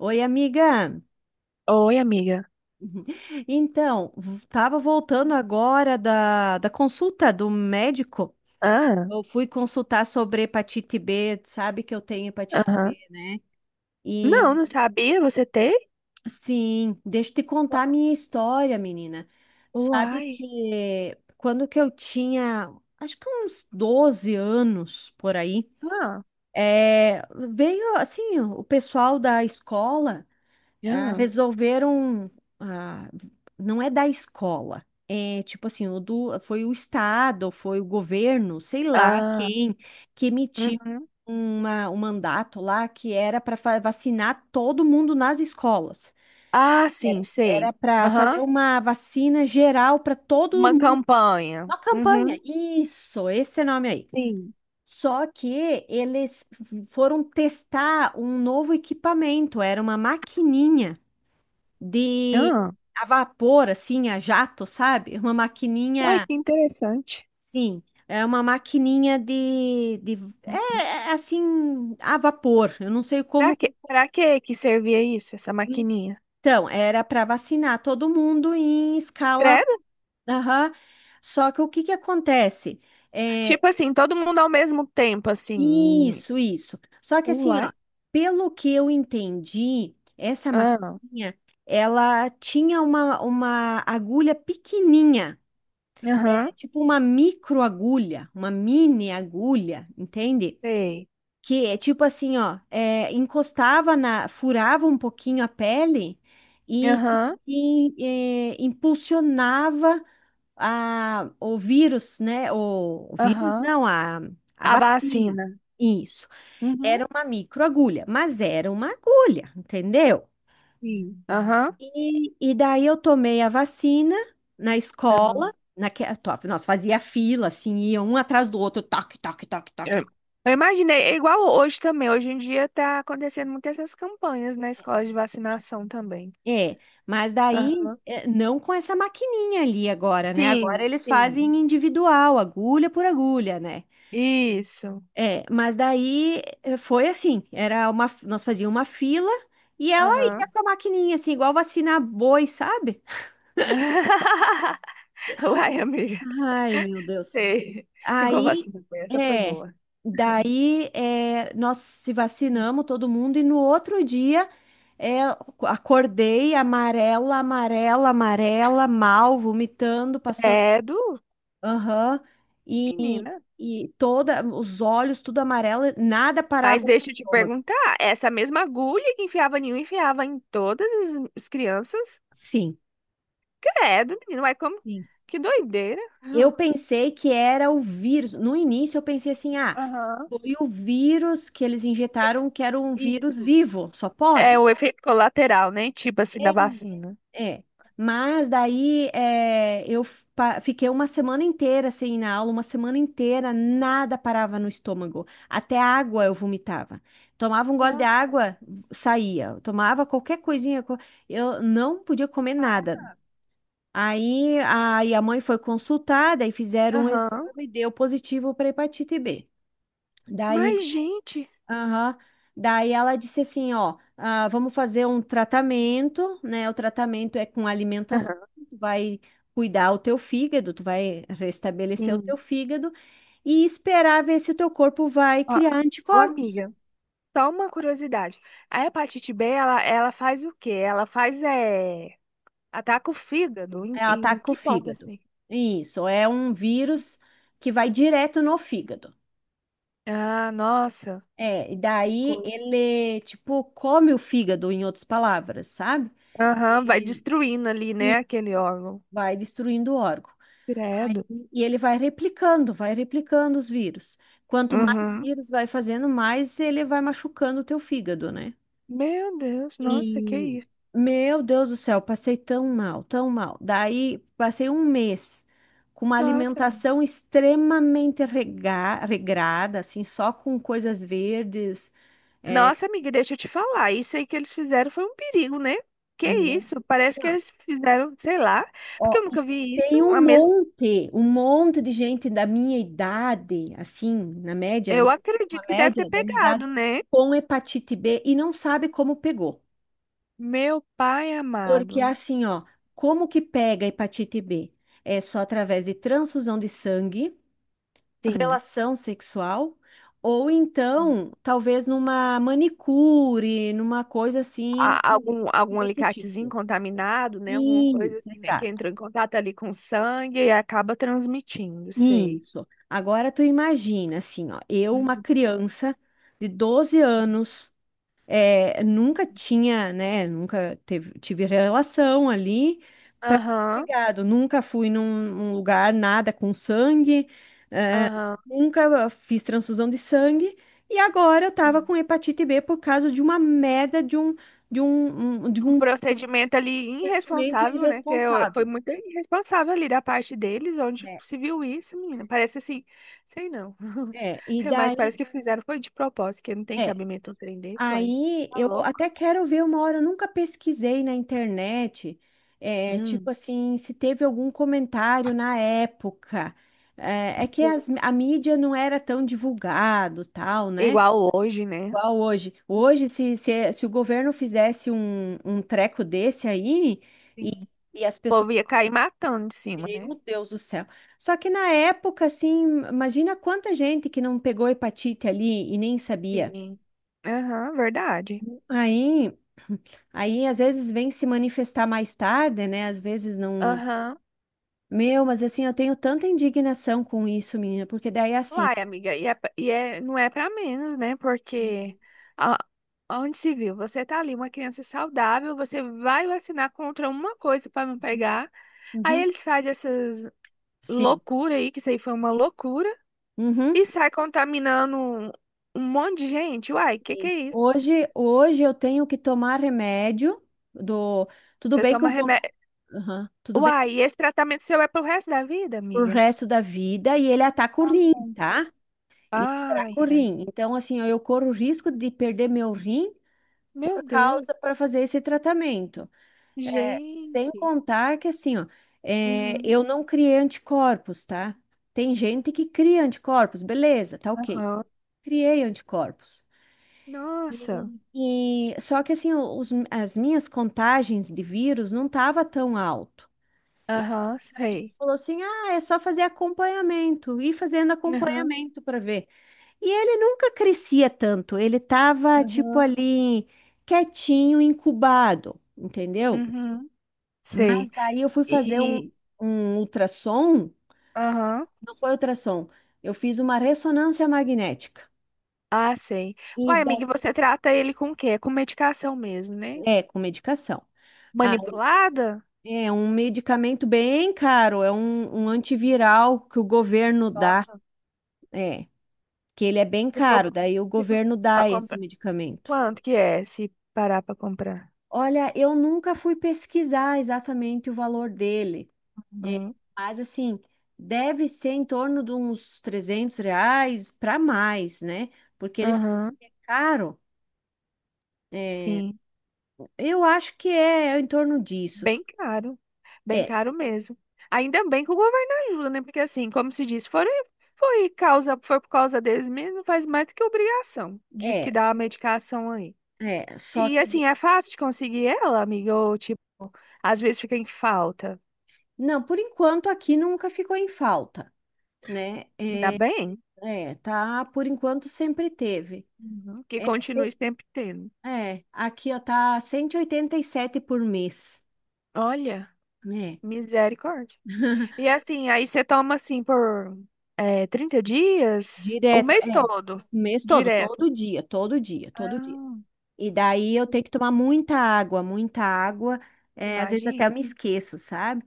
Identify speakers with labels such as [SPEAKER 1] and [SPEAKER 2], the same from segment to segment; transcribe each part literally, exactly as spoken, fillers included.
[SPEAKER 1] Oi, amiga.
[SPEAKER 2] Oi, amiga.
[SPEAKER 1] Então, estava voltando agora da, da consulta do médico.
[SPEAKER 2] Ah,
[SPEAKER 1] Eu fui consultar sobre hepatite B, tu sabe que eu tenho hepatite B.
[SPEAKER 2] aham.
[SPEAKER 1] E
[SPEAKER 2] Não, não sabia. Você tem?
[SPEAKER 1] sim, deixa eu te
[SPEAKER 2] U-
[SPEAKER 1] contar a minha história, menina. Sabe
[SPEAKER 2] Uai.
[SPEAKER 1] que quando que eu tinha, acho que uns doze anos por aí,
[SPEAKER 2] Ah,
[SPEAKER 1] é, veio assim, o pessoal da escola. Ah,
[SPEAKER 2] ah,
[SPEAKER 1] resolveram, ah, não é da escola, é tipo assim, o do, foi o Estado, foi o governo, sei lá
[SPEAKER 2] ah,
[SPEAKER 1] quem, que emitiu
[SPEAKER 2] uhum.
[SPEAKER 1] uma, um mandato lá que era para vacinar todo mundo nas escolas.
[SPEAKER 2] Ah,
[SPEAKER 1] Era
[SPEAKER 2] sim, sei.
[SPEAKER 1] era para fazer
[SPEAKER 2] Aham.
[SPEAKER 1] uma vacina geral para todo
[SPEAKER 2] Uma
[SPEAKER 1] mundo,
[SPEAKER 2] campanha.
[SPEAKER 1] uma
[SPEAKER 2] Uhum.
[SPEAKER 1] campanha. Isso, esse nome aí.
[SPEAKER 2] Sim.
[SPEAKER 1] Só que eles foram testar um novo equipamento, era uma maquininha de
[SPEAKER 2] Ah,
[SPEAKER 1] a vapor, assim, a jato, sabe? Uma
[SPEAKER 2] uai,
[SPEAKER 1] maquininha,
[SPEAKER 2] que interessante.
[SPEAKER 1] sim, é uma maquininha de, de é,
[SPEAKER 2] Uhum.
[SPEAKER 1] é, assim, a vapor. Eu não sei
[SPEAKER 2] Pra
[SPEAKER 1] como.
[SPEAKER 2] quê? Pra quê que servia isso, essa maquininha?
[SPEAKER 1] Então, era para vacinar todo mundo em escala.
[SPEAKER 2] Credo?
[SPEAKER 1] Aham. Só que o que que acontece? É,
[SPEAKER 2] Tipo assim, todo mundo ao mesmo tempo, assim.
[SPEAKER 1] isso, isso. Só que assim,
[SPEAKER 2] Uai.
[SPEAKER 1] ó, pelo que eu entendi, essa
[SPEAKER 2] Ah,
[SPEAKER 1] maquininha, ela tinha uma, uma agulha pequenininha.
[SPEAKER 2] aham.
[SPEAKER 1] Tipo uma micro agulha, uma mini agulha, entende?
[SPEAKER 2] Sei.
[SPEAKER 1] Que é tipo assim, ó, é, encostava na, furava um pouquinho a pele e tipo,
[SPEAKER 2] Aham,
[SPEAKER 1] in- é, impulsionava a, o vírus, né? O, o vírus
[SPEAKER 2] aham.
[SPEAKER 1] não, a, a
[SPEAKER 2] A
[SPEAKER 1] vacina.
[SPEAKER 2] vacina.
[SPEAKER 1] Isso.
[SPEAKER 2] Uhum.
[SPEAKER 1] Era uma micro agulha, mas era uma agulha, entendeu?
[SPEAKER 2] Sim. Aham.
[SPEAKER 1] E, e daí eu tomei a vacina na escola,
[SPEAKER 2] Aham.
[SPEAKER 1] naque, top, nós fazia fila, assim, ia um atrás do outro, toque, toque, toque, toque,
[SPEAKER 2] Eu
[SPEAKER 1] toque.
[SPEAKER 2] eu imaginei, é igual hoje também. Hoje em dia tá acontecendo muitas essas campanhas na escola de vacinação também.
[SPEAKER 1] É, mas daí
[SPEAKER 2] Aham.
[SPEAKER 1] é, não com essa maquininha ali agora, né? Agora
[SPEAKER 2] Sim,
[SPEAKER 1] eles fazem
[SPEAKER 2] sim.
[SPEAKER 1] individual, agulha por agulha, né?
[SPEAKER 2] Isso.
[SPEAKER 1] É, mas daí eh, foi assim, era uma, nós fazíamos uma fila e ela ia
[SPEAKER 2] Aham.
[SPEAKER 1] com a maquininha, assim, igual vacinar boi, sabe?
[SPEAKER 2] Uai, amiga.
[SPEAKER 1] Ai, meu Deus.
[SPEAKER 2] Sei. Igual
[SPEAKER 1] Aí,
[SPEAKER 2] vacina. Foi, essa foi
[SPEAKER 1] é,
[SPEAKER 2] boa.
[SPEAKER 1] daí é, nós se vacinamos todo mundo e no outro dia é, acordei amarela, amarela, amarela, mal, vomitando, passando,
[SPEAKER 2] Credo,
[SPEAKER 1] aham,
[SPEAKER 2] menina.
[SPEAKER 1] e toda, os olhos tudo amarelo, nada parava
[SPEAKER 2] Mas
[SPEAKER 1] o
[SPEAKER 2] deixa eu te
[SPEAKER 1] estômago.
[SPEAKER 2] perguntar, essa mesma agulha que enfiava em um, enfiava em todas as as crianças?
[SPEAKER 1] Sim,
[SPEAKER 2] Credo, menina. Uai, como?
[SPEAKER 1] sim.
[SPEAKER 2] Que doideira.
[SPEAKER 1] Eu pensei que era o vírus. No início eu pensei assim, ah,
[SPEAKER 2] Aham.
[SPEAKER 1] foi o vírus que eles injetaram, que era um vírus
[SPEAKER 2] Isso.
[SPEAKER 1] vivo, só
[SPEAKER 2] É
[SPEAKER 1] pode.
[SPEAKER 2] o efeito colateral, né? Tipo assim, da vacina.
[SPEAKER 1] É, mas daí é, eu pa- fiquei uma semana inteira sem ir na aula, uma semana inteira nada parava no estômago, até água eu vomitava. Tomava um gole de
[SPEAKER 2] Nossa,
[SPEAKER 1] água, saía. Tomava qualquer coisinha, co- eu não podia comer
[SPEAKER 2] pai.
[SPEAKER 1] nada. Aí a, aí a mãe foi consultada e fizeram um
[SPEAKER 2] Aham.
[SPEAKER 1] exame, deu positivo para hepatite B. Daí.
[SPEAKER 2] Mas, gente,
[SPEAKER 1] Aham. Daí ela disse assim, ó, ah, vamos fazer um tratamento, né? O tratamento é com alimentação,
[SPEAKER 2] aham.
[SPEAKER 1] tu vai cuidar o teu fígado, tu vai restabelecer o teu
[SPEAKER 2] Sim.
[SPEAKER 1] fígado e esperar ver se o teu corpo vai
[SPEAKER 2] Ó,
[SPEAKER 1] criar
[SPEAKER 2] ô,
[SPEAKER 1] anticorpos.
[SPEAKER 2] amiga, só uma curiosidade. A hepatite B, ela, ela faz o quê? Ela faz, é, ataca o fígado. Em,
[SPEAKER 1] É,
[SPEAKER 2] em
[SPEAKER 1] ataca o
[SPEAKER 2] que ponto,
[SPEAKER 1] fígado.
[SPEAKER 2] assim?
[SPEAKER 1] Isso, é um vírus que vai direto no fígado.
[SPEAKER 2] Ah, nossa.
[SPEAKER 1] É, e
[SPEAKER 2] Que
[SPEAKER 1] daí
[SPEAKER 2] coisa.
[SPEAKER 1] ele, tipo, come o fígado, em outras palavras, sabe?
[SPEAKER 2] Aham, vai
[SPEAKER 1] E,
[SPEAKER 2] destruindo ali, né,
[SPEAKER 1] e
[SPEAKER 2] aquele órgão.
[SPEAKER 1] vai destruindo o órgão. Aí-
[SPEAKER 2] Credo.
[SPEAKER 1] E ele vai replicando, vai replicando os vírus. Quanto mais
[SPEAKER 2] Uhum.
[SPEAKER 1] vírus vai fazendo, mais ele vai machucando o teu fígado, né?
[SPEAKER 2] Meu Deus, nossa, que
[SPEAKER 1] E,
[SPEAKER 2] isso.
[SPEAKER 1] meu Deus do céu, passei tão mal, tão mal. Daí, passei um mês com uma
[SPEAKER 2] Nossa,
[SPEAKER 1] alimentação extremamente rega- regrada, assim, só com coisas verdes. É,
[SPEAKER 2] nossa, amiga, deixa eu te falar. Isso aí que eles fizeram foi um perigo, né? Que
[SPEAKER 1] não.
[SPEAKER 2] isso? Parece que eles fizeram, sei lá,
[SPEAKER 1] Ó,
[SPEAKER 2] porque eu
[SPEAKER 1] e
[SPEAKER 2] nunca vi isso.
[SPEAKER 1] tem
[SPEAKER 2] A
[SPEAKER 1] um
[SPEAKER 2] mesma,
[SPEAKER 1] monte, um monte de gente da minha idade, assim, na média, né?
[SPEAKER 2] eu acredito
[SPEAKER 1] Uma
[SPEAKER 2] que deve ter
[SPEAKER 1] média da minha idade,
[SPEAKER 2] pegado, né?
[SPEAKER 1] com hepatite B e não sabe como pegou.
[SPEAKER 2] Meu pai
[SPEAKER 1] Porque
[SPEAKER 2] amado.
[SPEAKER 1] assim, ó, como que pega hepatite B? É só através de transfusão de sangue,
[SPEAKER 2] Sim.
[SPEAKER 1] relação sexual, ou então, talvez numa manicure, numa coisa assim,
[SPEAKER 2] A-
[SPEAKER 1] que-
[SPEAKER 2] algum,
[SPEAKER 1] que
[SPEAKER 2] algum
[SPEAKER 1] dê pro
[SPEAKER 2] alicatezinho
[SPEAKER 1] tipo.
[SPEAKER 2] contaminado, né? Alguma coisa
[SPEAKER 1] Isso,
[SPEAKER 2] assim, né? Que
[SPEAKER 1] exato.
[SPEAKER 2] entrou em contato ali com o sangue e acaba transmitindo, sei.
[SPEAKER 1] Isso. Agora tu imagina, assim, ó, eu, uma
[SPEAKER 2] Uhum.
[SPEAKER 1] criança de doze anos, é, nunca tinha, né, nunca teve, tive relação ali para
[SPEAKER 2] Aham,
[SPEAKER 1] pegado, nunca fui num, num lugar nada com sangue, é,
[SPEAKER 2] aham.
[SPEAKER 1] nunca fiz transfusão de sangue, e agora eu tava com hepatite B por causa de uma merda de um, de um, um- de
[SPEAKER 2] Um
[SPEAKER 1] um
[SPEAKER 2] procedimento ali
[SPEAKER 1] investimento
[SPEAKER 2] irresponsável, né? Que eu- foi
[SPEAKER 1] irresponsável.
[SPEAKER 2] muito irresponsável ali da parte deles, onde
[SPEAKER 1] É,
[SPEAKER 2] se viu isso, menina. Parece assim, sei não.
[SPEAKER 1] é, e
[SPEAKER 2] É, mas parece
[SPEAKER 1] daí.
[SPEAKER 2] que fizeram foi de propósito, que não tem
[SPEAKER 1] É,
[SPEAKER 2] cabimento um trem desse, uai.
[SPEAKER 1] aí
[SPEAKER 2] Tá
[SPEAKER 1] eu
[SPEAKER 2] louco?
[SPEAKER 1] até quero ver uma hora, eu nunca pesquisei na internet, é, tipo
[SPEAKER 2] Hum,
[SPEAKER 1] assim, se teve algum comentário na época. É, é que
[SPEAKER 2] sim.
[SPEAKER 1] as- a mídia não era tão divulgado, tal, né?
[SPEAKER 2] Igual hoje, né?
[SPEAKER 1] Igual hoje. Hoje, se, se, se o governo fizesse um, um treco desse aí, e,
[SPEAKER 2] Sim. O
[SPEAKER 1] e as pessoas,
[SPEAKER 2] povo ia cair matando de cima, né?
[SPEAKER 1] meu Deus do céu. Só que na época, assim, imagina quanta gente que não pegou hepatite ali e nem sabia.
[SPEAKER 2] Sim. Aham, verdade.
[SPEAKER 1] Aí. Aí às vezes vem se manifestar mais tarde, né? Às vezes não.
[SPEAKER 2] Aham.
[SPEAKER 1] Meu, mas assim, eu tenho tanta indignação com isso, menina, porque daí é assim.
[SPEAKER 2] Uai, amiga, e, é, pra- e é, não é pra menos, né? Porque onde se viu? Você tá ali, uma criança saudável, você vai vacinar contra uma coisa para não pegar. Aí
[SPEAKER 1] Uhum.
[SPEAKER 2] eles fazem essas
[SPEAKER 1] Sim.
[SPEAKER 2] loucuras aí, que isso aí foi uma loucura,
[SPEAKER 1] Uhum.
[SPEAKER 2] e sai contaminando um um monte de gente. Uai, que que
[SPEAKER 1] Sim.
[SPEAKER 2] é isso?
[SPEAKER 1] Hoje, hoje eu tenho que tomar remédio do. Tudo
[SPEAKER 2] Você
[SPEAKER 1] bem que
[SPEAKER 2] toma
[SPEAKER 1] eu vou.
[SPEAKER 2] remédio.
[SPEAKER 1] Aham. Tudo bem
[SPEAKER 2] Uai, e esse tratamento seu é pro resto da vida,
[SPEAKER 1] pro
[SPEAKER 2] amiga?
[SPEAKER 1] resto da vida e ele ataca o rim,
[SPEAKER 2] Nossa.
[SPEAKER 1] tá? Ele
[SPEAKER 2] Ai,
[SPEAKER 1] ataca o
[SPEAKER 2] ai.
[SPEAKER 1] rim. Então, assim, eu corro o risco de perder meu rim
[SPEAKER 2] Meu
[SPEAKER 1] por
[SPEAKER 2] Deus.
[SPEAKER 1] causa para fazer esse tratamento. Sem
[SPEAKER 2] Gente.
[SPEAKER 1] contar que, assim, ó, é,
[SPEAKER 2] Uhum.
[SPEAKER 1] eu não criei anticorpos, tá? Tem gente que cria anticorpos, beleza, tá ok.
[SPEAKER 2] Aham.
[SPEAKER 1] Criei anticorpos.
[SPEAKER 2] Nossa.
[SPEAKER 1] E só que, assim, os- as minhas contagens de vírus não tava tão alto. E o
[SPEAKER 2] Aham,
[SPEAKER 1] médico
[SPEAKER 2] sei.
[SPEAKER 1] falou assim: ah, é só fazer acompanhamento, ir fazendo
[SPEAKER 2] Aham.
[SPEAKER 1] acompanhamento para ver. E ele nunca crescia tanto, ele tava, tipo,
[SPEAKER 2] Aham.
[SPEAKER 1] ali, quietinho, incubado, entendeu?
[SPEAKER 2] Uhum. Sei.
[SPEAKER 1] Mas daí eu fui fazer um,
[SPEAKER 2] E
[SPEAKER 1] um ultrassom,
[SPEAKER 2] aham.
[SPEAKER 1] não foi ultrassom, eu fiz uma ressonância magnética.
[SPEAKER 2] Ah, sei.
[SPEAKER 1] E
[SPEAKER 2] Uai, amiga, e
[SPEAKER 1] daí,
[SPEAKER 2] você trata ele com o quê? Com medicação mesmo, né?
[SPEAKER 1] é, com medicação. Ah,
[SPEAKER 2] Manipulada?
[SPEAKER 1] é um medicamento bem caro, é um, um antiviral que o governo dá,
[SPEAKER 2] Nossa,
[SPEAKER 1] é, que ele é bem
[SPEAKER 2] se for,
[SPEAKER 1] caro, daí o
[SPEAKER 2] se for
[SPEAKER 1] governo
[SPEAKER 2] pra
[SPEAKER 1] dá esse
[SPEAKER 2] comprar.
[SPEAKER 1] medicamento.
[SPEAKER 2] Quanto que é se parar pra comprar?
[SPEAKER 1] Olha, eu nunca fui pesquisar exatamente o valor dele. É,
[SPEAKER 2] Aham,
[SPEAKER 1] mas assim, deve ser em torno de uns trezentos reais para mais, né? Porque ele
[SPEAKER 2] aham,
[SPEAKER 1] é caro. É,
[SPEAKER 2] sim.
[SPEAKER 1] eu acho que é em torno disso.
[SPEAKER 2] Bem caro. Bem
[SPEAKER 1] É,
[SPEAKER 2] caro mesmo. Ainda bem que o governo ajuda, né? Porque assim, como se diz, foram, foi causa, foi por causa deles mesmo, faz mais do que obrigação de
[SPEAKER 1] é,
[SPEAKER 2] que dá a medicação aí.
[SPEAKER 1] é, só
[SPEAKER 2] E
[SPEAKER 1] que
[SPEAKER 2] assim, é fácil de conseguir ela, amiga? Ou tipo, às vezes fica em falta?
[SPEAKER 1] não, por enquanto aqui nunca ficou em falta, né?
[SPEAKER 2] Ainda bem.
[SPEAKER 1] É, tá, por enquanto sempre teve.
[SPEAKER 2] Uhum. Que
[SPEAKER 1] É,
[SPEAKER 2] continue
[SPEAKER 1] te-
[SPEAKER 2] sempre tendo.
[SPEAKER 1] é, aqui ó, tá cento e oitenta e sete por mês,
[SPEAKER 2] Olha,
[SPEAKER 1] né?
[SPEAKER 2] misericórdia. E assim, aí você toma assim por é, trinta dias, o
[SPEAKER 1] Direto,
[SPEAKER 2] mês
[SPEAKER 1] é,
[SPEAKER 2] todo,
[SPEAKER 1] mês todo,
[SPEAKER 2] direto.
[SPEAKER 1] todo dia, todo dia, todo dia.
[SPEAKER 2] Ah,
[SPEAKER 1] E daí eu tenho que tomar muita água, muita água. É, às vezes até
[SPEAKER 2] imagina.
[SPEAKER 1] eu me esqueço, sabe?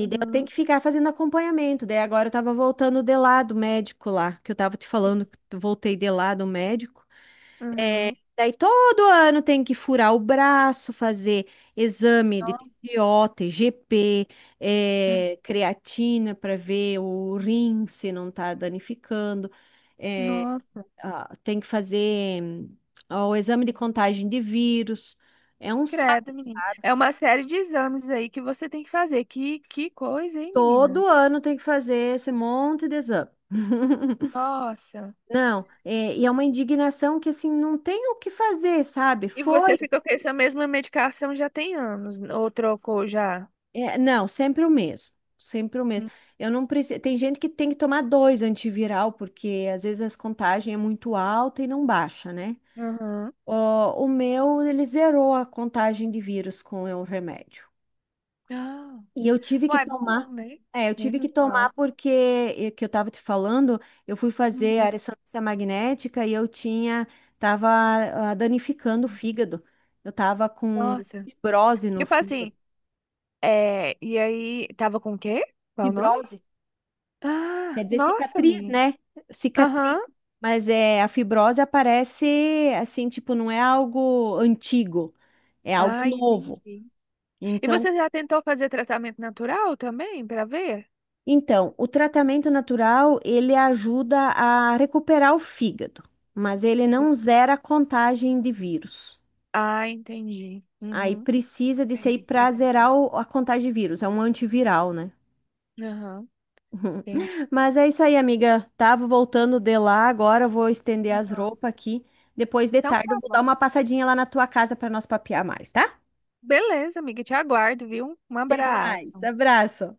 [SPEAKER 1] Eu tenho
[SPEAKER 2] Uhum.
[SPEAKER 1] que ficar fazendo acompanhamento. Daí agora eu tava voltando de lá do médico lá, que eu tava te falando
[SPEAKER 2] Sim.
[SPEAKER 1] que eu voltei de lá do médico. É,
[SPEAKER 2] Uhum.
[SPEAKER 1] daí todo ano tem que furar o braço, fazer exame de
[SPEAKER 2] Nossa.
[SPEAKER 1] T P O, p é, creatina para ver o rim se não tá danificando. eh,
[SPEAKER 2] Nossa.
[SPEAKER 1] ah, Tem que fazer ah, o exame de contagem de vírus. É um saco.
[SPEAKER 2] Credo, menina. É uma série de exames aí que você tem que fazer. Que, que coisa, hein, menina?
[SPEAKER 1] Todo ano tem que fazer esse monte de exame.
[SPEAKER 2] Nossa.
[SPEAKER 1] Não, é, e é uma indignação que assim não tem o que fazer, sabe?
[SPEAKER 2] E
[SPEAKER 1] Foi,
[SPEAKER 2] você fica com essa mesma medicação já tem anos, ou trocou já?
[SPEAKER 1] é, não, sempre o mesmo, sempre o mesmo.
[SPEAKER 2] Hum.
[SPEAKER 1] Eu não preciso. Tem gente que tem que tomar dois antiviral porque às vezes as contagens é muito alta e não baixa, né?
[SPEAKER 2] Uhum.
[SPEAKER 1] Ó, o meu ele zerou a contagem de vírus com o remédio.
[SPEAKER 2] Ah.
[SPEAKER 1] E eu tive que
[SPEAKER 2] Ué,
[SPEAKER 1] tomar,
[SPEAKER 2] bom, né?
[SPEAKER 1] é, eu tive que
[SPEAKER 2] Menos mal.
[SPEAKER 1] tomar porque, eh, que eu estava te falando, eu fui fazer
[SPEAKER 2] Uhum.
[SPEAKER 1] a ressonância magnética e eu tinha, tava ah, danificando o fígado. Eu tava com
[SPEAKER 2] Nossa.
[SPEAKER 1] fibrose no
[SPEAKER 2] Tipo
[SPEAKER 1] fígado.
[SPEAKER 2] assim, é... e aí, tava com o quê? Qual o nome?
[SPEAKER 1] Fibrose, quer
[SPEAKER 2] Ah,
[SPEAKER 1] dizer
[SPEAKER 2] nossa,
[SPEAKER 1] cicatriz,
[SPEAKER 2] amiga.
[SPEAKER 1] né? Cicatriz.
[SPEAKER 2] Aham.
[SPEAKER 1] Mas é, a fibrose aparece assim, tipo, não é algo antigo, é algo
[SPEAKER 2] Ah,
[SPEAKER 1] novo.
[SPEAKER 2] entendi. E
[SPEAKER 1] Então,
[SPEAKER 2] você já tentou fazer tratamento natural também, pra ver?
[SPEAKER 1] Então, o tratamento natural, ele ajuda a recuperar o fígado, mas ele não
[SPEAKER 2] Sim.
[SPEAKER 1] zera a contagem de vírus.
[SPEAKER 2] Ah, entendi.
[SPEAKER 1] Aí
[SPEAKER 2] Uhum.
[SPEAKER 1] precisa disso aí
[SPEAKER 2] Entendi, sei
[SPEAKER 1] para
[SPEAKER 2] como que é.
[SPEAKER 1] zerar o- a contagem de vírus, é um antiviral, né?
[SPEAKER 2] Aham, entendi.
[SPEAKER 1] Mas é isso aí, amiga. Tava voltando de lá, agora eu vou estender as
[SPEAKER 2] Aham.
[SPEAKER 1] roupas aqui. Depois de
[SPEAKER 2] Então
[SPEAKER 1] tarde eu
[SPEAKER 2] tá
[SPEAKER 1] vou dar
[SPEAKER 2] bom.
[SPEAKER 1] uma passadinha lá na tua casa para nós papear mais, tá?
[SPEAKER 2] Beleza, amiga, te aguardo, viu? Um
[SPEAKER 1] Até mais,
[SPEAKER 2] abraço.
[SPEAKER 1] abraço.